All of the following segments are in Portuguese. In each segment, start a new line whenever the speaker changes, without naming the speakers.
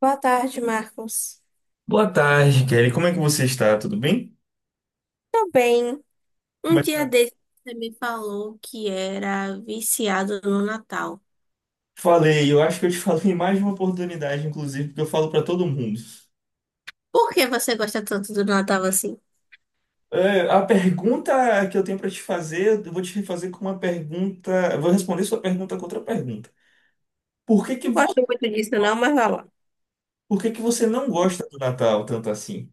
Boa tarde, Marcos.
Boa tarde, Kelly. Como é que você está? Tudo bem?
Tô bem.
Como
Um
é que
dia
tá?
desse você me falou que era viciado no Natal.
Falei, eu acho que eu te falei em mais de uma oportunidade, inclusive, porque eu falo para todo mundo.
Por que você gosta tanto do Natal assim?
É, a pergunta que eu tenho para te fazer, eu vou te fazer com uma pergunta. Eu vou responder sua pergunta com outra pergunta. Por que que,
Não
vo...
gosto muito disso, não, mas vai lá.
Por que que você não gosta do Natal tanto assim?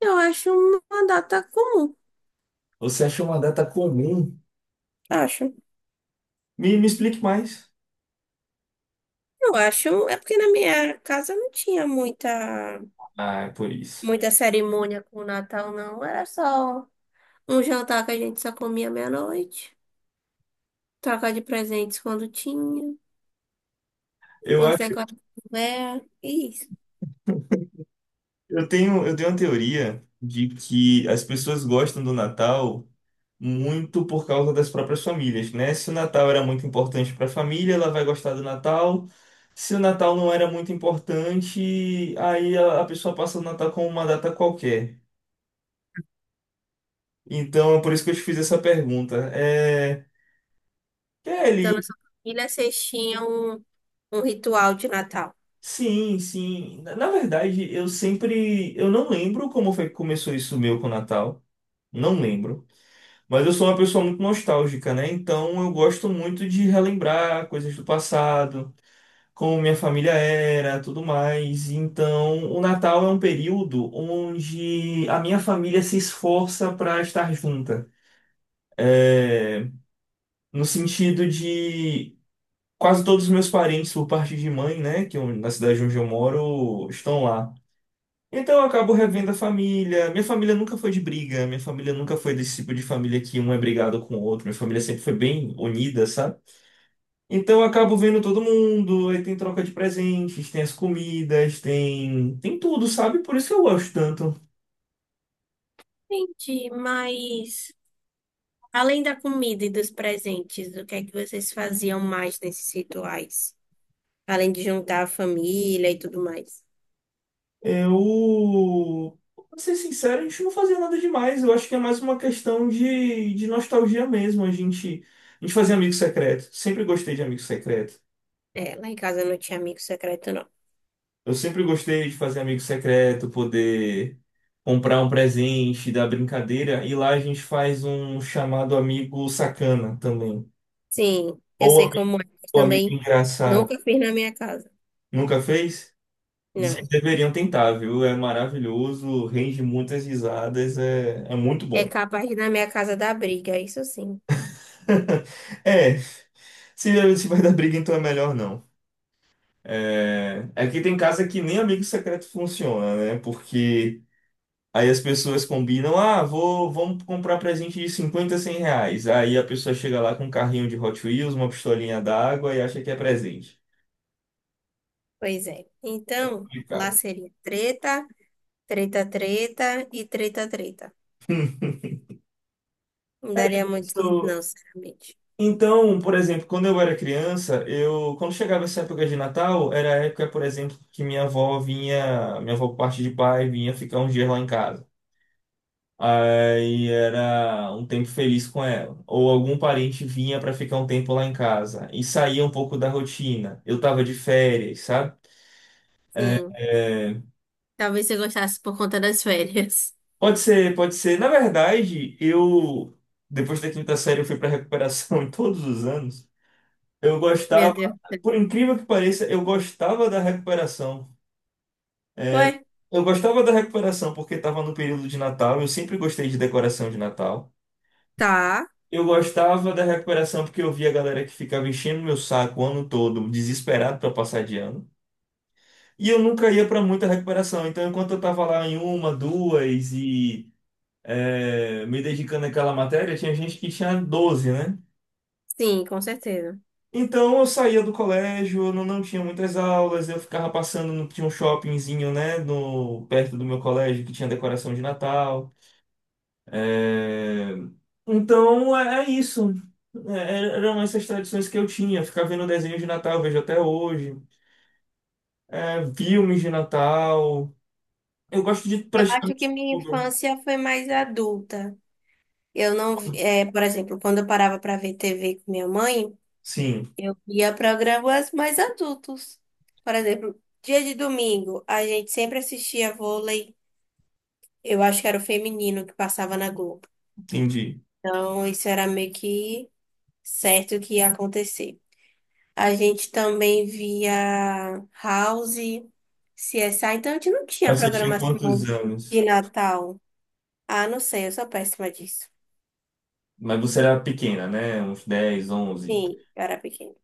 Eu acho uma data comum.
Você achou uma data comum?
Acho.
Me explique mais.
Eu acho. É porque na minha casa não tinha muita,
Ah, é por isso.
muita cerimônia com o Natal, não. Era só um jantar que a gente só comia meia-noite. Troca de presentes quando tinha.
Eu
Umas
acho,
decorações. É.
eu tenho uma teoria de que as pessoas gostam do Natal, muito por causa das próprias famílias, né? Se o Natal era muito importante para a família, ela vai gostar do Natal. Se o Natal não era muito importante, aí a pessoa passa o Natal como uma data qualquer. Então, é por isso que eu te fiz essa pergunta. É,
Então, na
Kelly,
sua família, vocês tinham um ritual de Natal.
sim, sim. Na verdade, eu não lembro como foi que começou isso meu com o Natal. Não lembro. Mas eu sou uma pessoa muito nostálgica, né? Então eu gosto muito de relembrar coisas do passado, como minha família era, tudo mais. Então, o Natal é um período onde a minha família se esforça para estar junta. É, no sentido de quase todos os meus parentes, por parte de mãe, né, na cidade onde eu moro, estão lá. Então, eu acabo revendo a família. Minha família nunca foi de briga, minha família nunca foi desse tipo de família que um é brigado com o outro. Minha família sempre foi bem unida, sabe? Então eu acabo vendo todo mundo, aí tem troca de presentes, tem as comidas, tem tudo, sabe? Por isso que eu gosto tanto.
Entendi, mas além da comida e dos presentes, o que é que vocês faziam mais nesses rituais? Além de juntar a família e tudo mais.
Eu, pra ser sincero, a gente não fazia nada demais. Eu acho que é mais uma questão de nostalgia mesmo. A gente fazia amigo secreto. Sempre gostei de amigo secreto.
É, lá em casa não tinha amigo secreto, não.
Eu sempre gostei de fazer amigo secreto, poder comprar um presente, dar brincadeira. E lá a gente faz um chamado amigo sacana também.
Sim, eu
Ou
sei
ami-
como é, mas
ou amigo
também
engraçado.
nunca fiz na minha casa.
Nunca fez? Vocês
Não.
deveriam tentar, viu? É maravilhoso, rende muitas risadas, é muito
É
bom.
capaz de na minha casa dar briga, isso sim.
É, se vai dar briga, então é melhor não. Aqui tem casa que nem amigo secreto funciona, né? Porque aí as pessoas combinam, ah, vamos comprar presente de 50, 100 reais. Aí a pessoa chega lá com um carrinho de Hot Wheels, uma pistolinha d'água e acha que é presente.
Pois é. Então, lá
Complicado.
seria treta, treta, treta e treta, treta. Não daria muito certo,
Isso.
não, sinceramente.
Então, por exemplo, quando eu era criança, eu quando chegava essa época de Natal, era a época, por exemplo, que minha avó vinha, minha avó por parte de pai vinha ficar uns dias lá em casa. Aí era um tempo feliz com ela. Ou algum parente vinha para ficar um tempo lá em casa e saía um pouco da rotina. Eu tava de férias, sabe? É,
Sim.
é,
Talvez você gostasse por conta das férias.
pode ser, pode ser. Na verdade, eu depois da quinta série eu fui para recuperação em todos os anos. Eu gostava,
Meu Deus do
por
céu.
incrível que pareça, eu gostava da recuperação.
Ué?
Eu gostava da recuperação porque estava no período de Natal, eu sempre gostei de decoração de Natal.
Tá.
Eu gostava da recuperação porque eu via a galera que ficava enchendo meu saco o ano todo, desesperado para passar de ano. E eu nunca ia para muita recuperação, então enquanto eu tava lá em uma, duas e me dedicando àquela matéria, tinha gente que tinha 12, né?
Sim, com certeza.
Então eu saía do colégio, eu não tinha muitas aulas, eu ficava passando no, tinha um shoppingzinho, né, no, perto do meu colégio que tinha decoração de Natal. É, Então é isso. Eram essas tradições que eu tinha. Ficar vendo desenho de Natal, eu vejo até hoje. Filmes de Natal. Eu gosto de
Eu acho que
praticamente
minha
tudo.
infância foi mais adulta. Eu não, vi- é, Por exemplo, quando eu parava para ver TV com minha mãe,
Sim,
eu via programas mais adultos. Por exemplo, dia de domingo, a gente sempre assistia vôlei. Eu acho que era o feminino que passava na Globo.
entendi.
Então, isso era meio que certo que ia acontecer. A gente também via House, CSI, então a gente não tinha
Mas você tinha quantos
programação
anos?
de Natal. Ah, não sei, eu sou péssima disso.
Mas você era pequena, né? Uns 10, 11.
Sim, eu era pequena.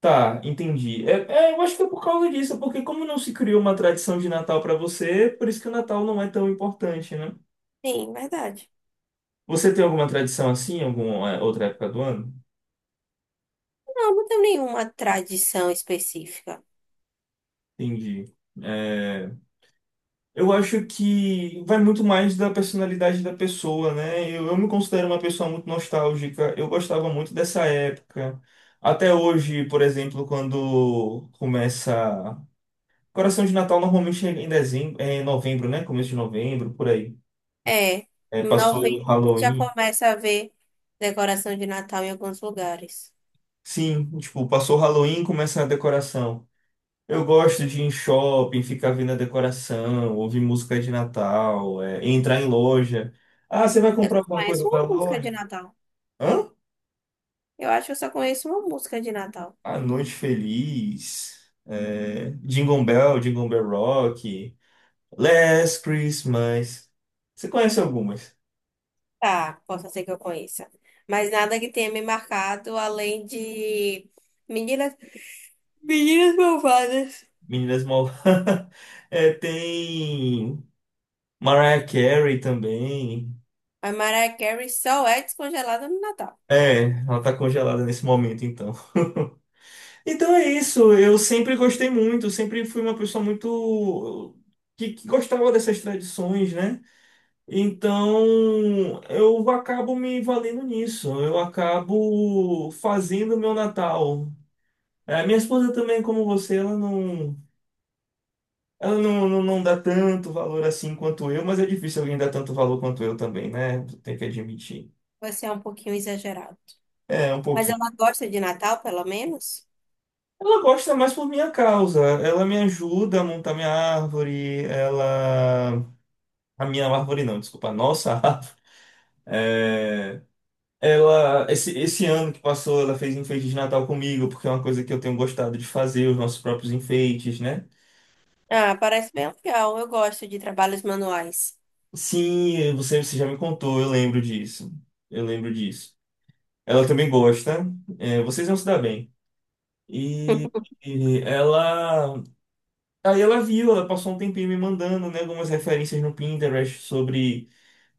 Tá, entendi. Eu acho que é por causa disso, porque como não se criou uma tradição de Natal pra você, por isso que o Natal não é tão importante, né?
Sim, verdade.
Você tem alguma tradição assim, alguma outra época do ano?
Não, não tem nenhuma tradição específica.
Entendi. É, eu acho que vai muito mais da personalidade da pessoa, né? Eu me considero uma pessoa muito nostálgica. Eu gostava muito dessa época. Até hoje, por exemplo, quando começa. Coração de Natal normalmente é em dezembro, é em novembro, né? Começo de novembro, por aí.
É,
É,
em
passou o
novembro a gente já
Halloween.
começa a ver decoração de Natal em alguns lugares.
Sim, tipo, passou o Halloween, começa a decoração. Eu gosto de ir em shopping, ficar vendo a decoração, ouvir música de Natal, entrar em loja. Ah, você vai
Eu
comprar
só
alguma
conheço
coisa
uma
da
música de
loja?
Natal.
Hã?
Eu acho que eu só conheço uma música de Natal.
A Noite Feliz, Jingle Bell, Jingle Bell Rock, Last Christmas. Você conhece algumas?
Tá, possa ser que eu conheça. Mas nada que tenha me marcado além de Meninas, Meninas Malvadas.
Meninas Mal... Tem Mariah Carey também.
A Mariah Carey só é descongelada no Natal.
Ela tá congelada nesse momento, então. Então é isso. Eu sempre gostei muito, sempre fui uma pessoa muito que gostava dessas tradições, né? Então eu acabo me valendo nisso. Eu acabo fazendo o meu Natal. Minha esposa também, como você, ela não dá tanto valor assim quanto eu, mas é difícil alguém dar tanto valor quanto eu também, né? Tem que admitir.
Vai ser um pouquinho exagerado.
É, um
Mas
pouquinho.
ela gosta de Natal, pelo menos?
Ela gosta mais por minha causa. Ela me ajuda a montar minha árvore. Ela. A minha árvore não, desculpa, a nossa árvore. É, Ela. Esse ano que passou, ela fez enfeite de Natal comigo, porque é uma coisa que eu tenho gostado de fazer, os nossos próprios enfeites, né?
Ah, parece bem legal. Eu gosto de trabalhos manuais.
Sim, você já me contou, eu lembro disso. Eu lembro disso. Ela também gosta. Vocês vão se dar bem. E. E ela. Aí ela viu, ela passou um tempinho me mandando, né, algumas referências no Pinterest sobre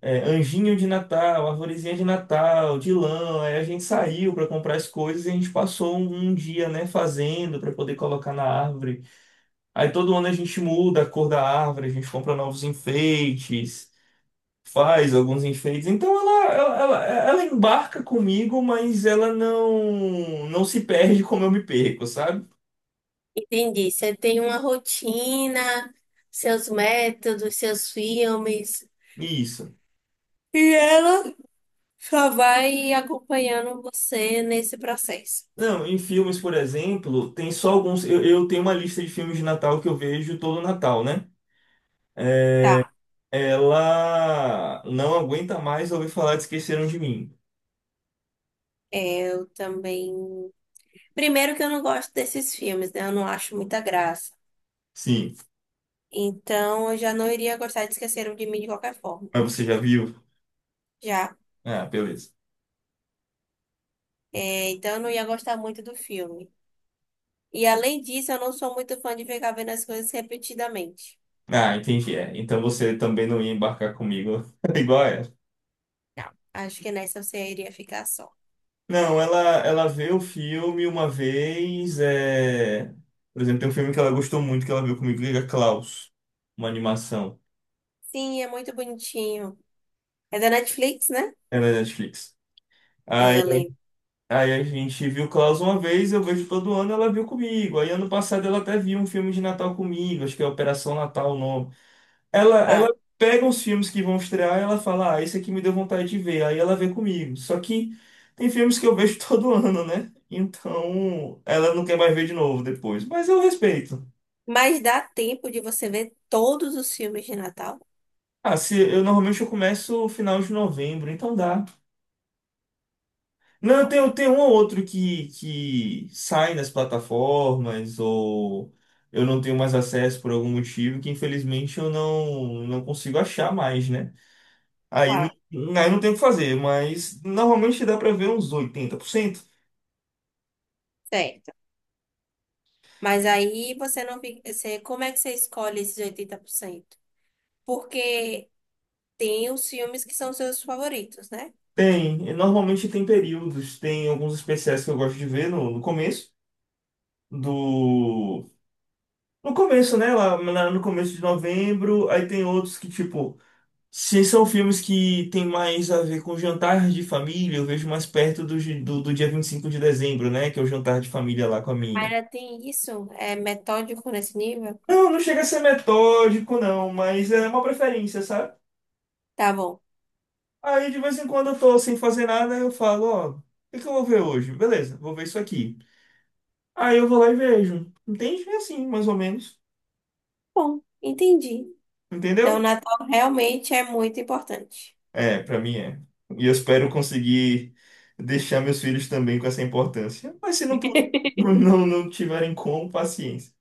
anjinho de Natal, arvorezinha de Natal, de lã. Aí a gente saiu para comprar as coisas e a gente passou um dia, né, fazendo para poder colocar na árvore. Aí todo ano a gente muda a cor da árvore, a gente compra novos enfeites, faz alguns enfeites. Então ela embarca comigo, mas ela não se perde como eu me perco, sabe?
Entendi. Você tem uma rotina, seus métodos, seus filmes.
Isso.
E ela só vai acompanhando você nesse processo.
Não, em filmes, por exemplo, tem só alguns. Eu tenho uma lista de filmes de Natal que eu vejo todo Natal, né?
Tá.
Ela não aguenta mais ouvir falar de Esqueceram de Mim.
É, eu também. Primeiro que eu não gosto desses filmes, né? Eu não acho muita graça.
Sim,
Então eu já não iria gostar de Esqueceram de Mim de qualquer forma.
mas você já viu?
Já.
Ah, beleza.
É, então eu não ia gostar muito do filme. E além disso, eu não sou muito fã de ficar vendo as coisas repetidamente.
Ah, entendi. É. Então você também não ia embarcar comigo igual ela.
Não. Acho que nessa você iria ficar só.
Não, ela vê o filme uma vez. Por exemplo, tem um filme que ela gostou muito que ela viu comigo, que é Klaus, uma animação.
Sim, é muito bonitinho. É da Netflix, né?
É na Netflix.
É,
Aí,
eu lembro.
aí a gente viu Klaus uma vez, eu vejo todo ano, ela viu comigo. Aí ano passado ela até viu um filme de Natal comigo, acho que é Operação Natal o nome. Ela
Tá.
pega os filmes que vão estrear e ela fala, ah, esse aqui me deu vontade de ver. Aí ela vê comigo. Só que tem filmes que eu vejo todo ano, né? Então ela não quer mais ver de novo depois. Mas eu respeito.
Mas dá tempo de você ver todos os filmes de Natal?
Ah, se eu normalmente eu começo no final de novembro, então dá. Não, tem um ou outro que sai nas plataformas ou eu não tenho mais acesso por algum motivo que infelizmente eu não consigo achar mais, né? Aí,
Tá.
aí não tem o que fazer, mas normalmente dá pra ver uns 80%.
Certo. Mas aí você não fica. Você, como é que você escolhe esses 80%? Porque tem os filmes que são seus favoritos, né?
Tem, e normalmente tem períodos, tem alguns especiais que eu gosto de ver no começo do. No começo, né? No começo de novembro, aí tem outros que, tipo, se são filmes que tem mais a ver com jantar de família, eu vejo mais perto do dia 25 de dezembro, né? Que é o jantar de família lá com a minha.
Ainda tem isso? É metódico nesse nível?
Não, não chega a ser metódico, não, mas é uma preferência, sabe?
Tá bom.
Aí de vez em quando eu tô sem fazer nada, eu falo, ó, o que que eu vou ver hoje? Beleza, vou ver isso aqui. Aí eu vou lá e vejo. Entende? É assim, mais ou menos.
Bom, entendi. Então, o
Entendeu?
Natal realmente é muito importante.
É, pra mim é. E eu espero conseguir deixar meus filhos também com essa importância. Mas se não, não tiverem como, paciência.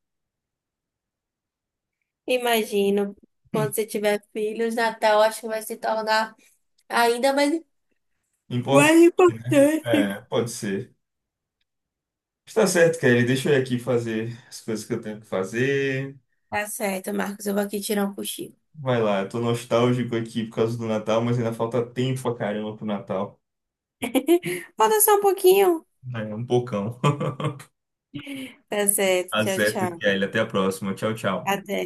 Imagino, quando você tiver filhos, Natal acho que vai se tornar ainda mais,
Importante,
mais
né?
importante.
É, pode ser. Está certo, Kelly. Deixa eu ir aqui fazer as coisas que eu tenho que fazer.
Tá certo, Marcos. Eu vou aqui tirar um cochilo.
Vai lá, eu tô nostálgico aqui por causa do Natal, mas ainda falta tempo pra caramba pro Natal.
Vou dançar um pouquinho.
É um bocão.
Tá certo. Tchau,
Azeto,
tchau.
Kelly. Até a próxima. Tchau, tchau.
Até.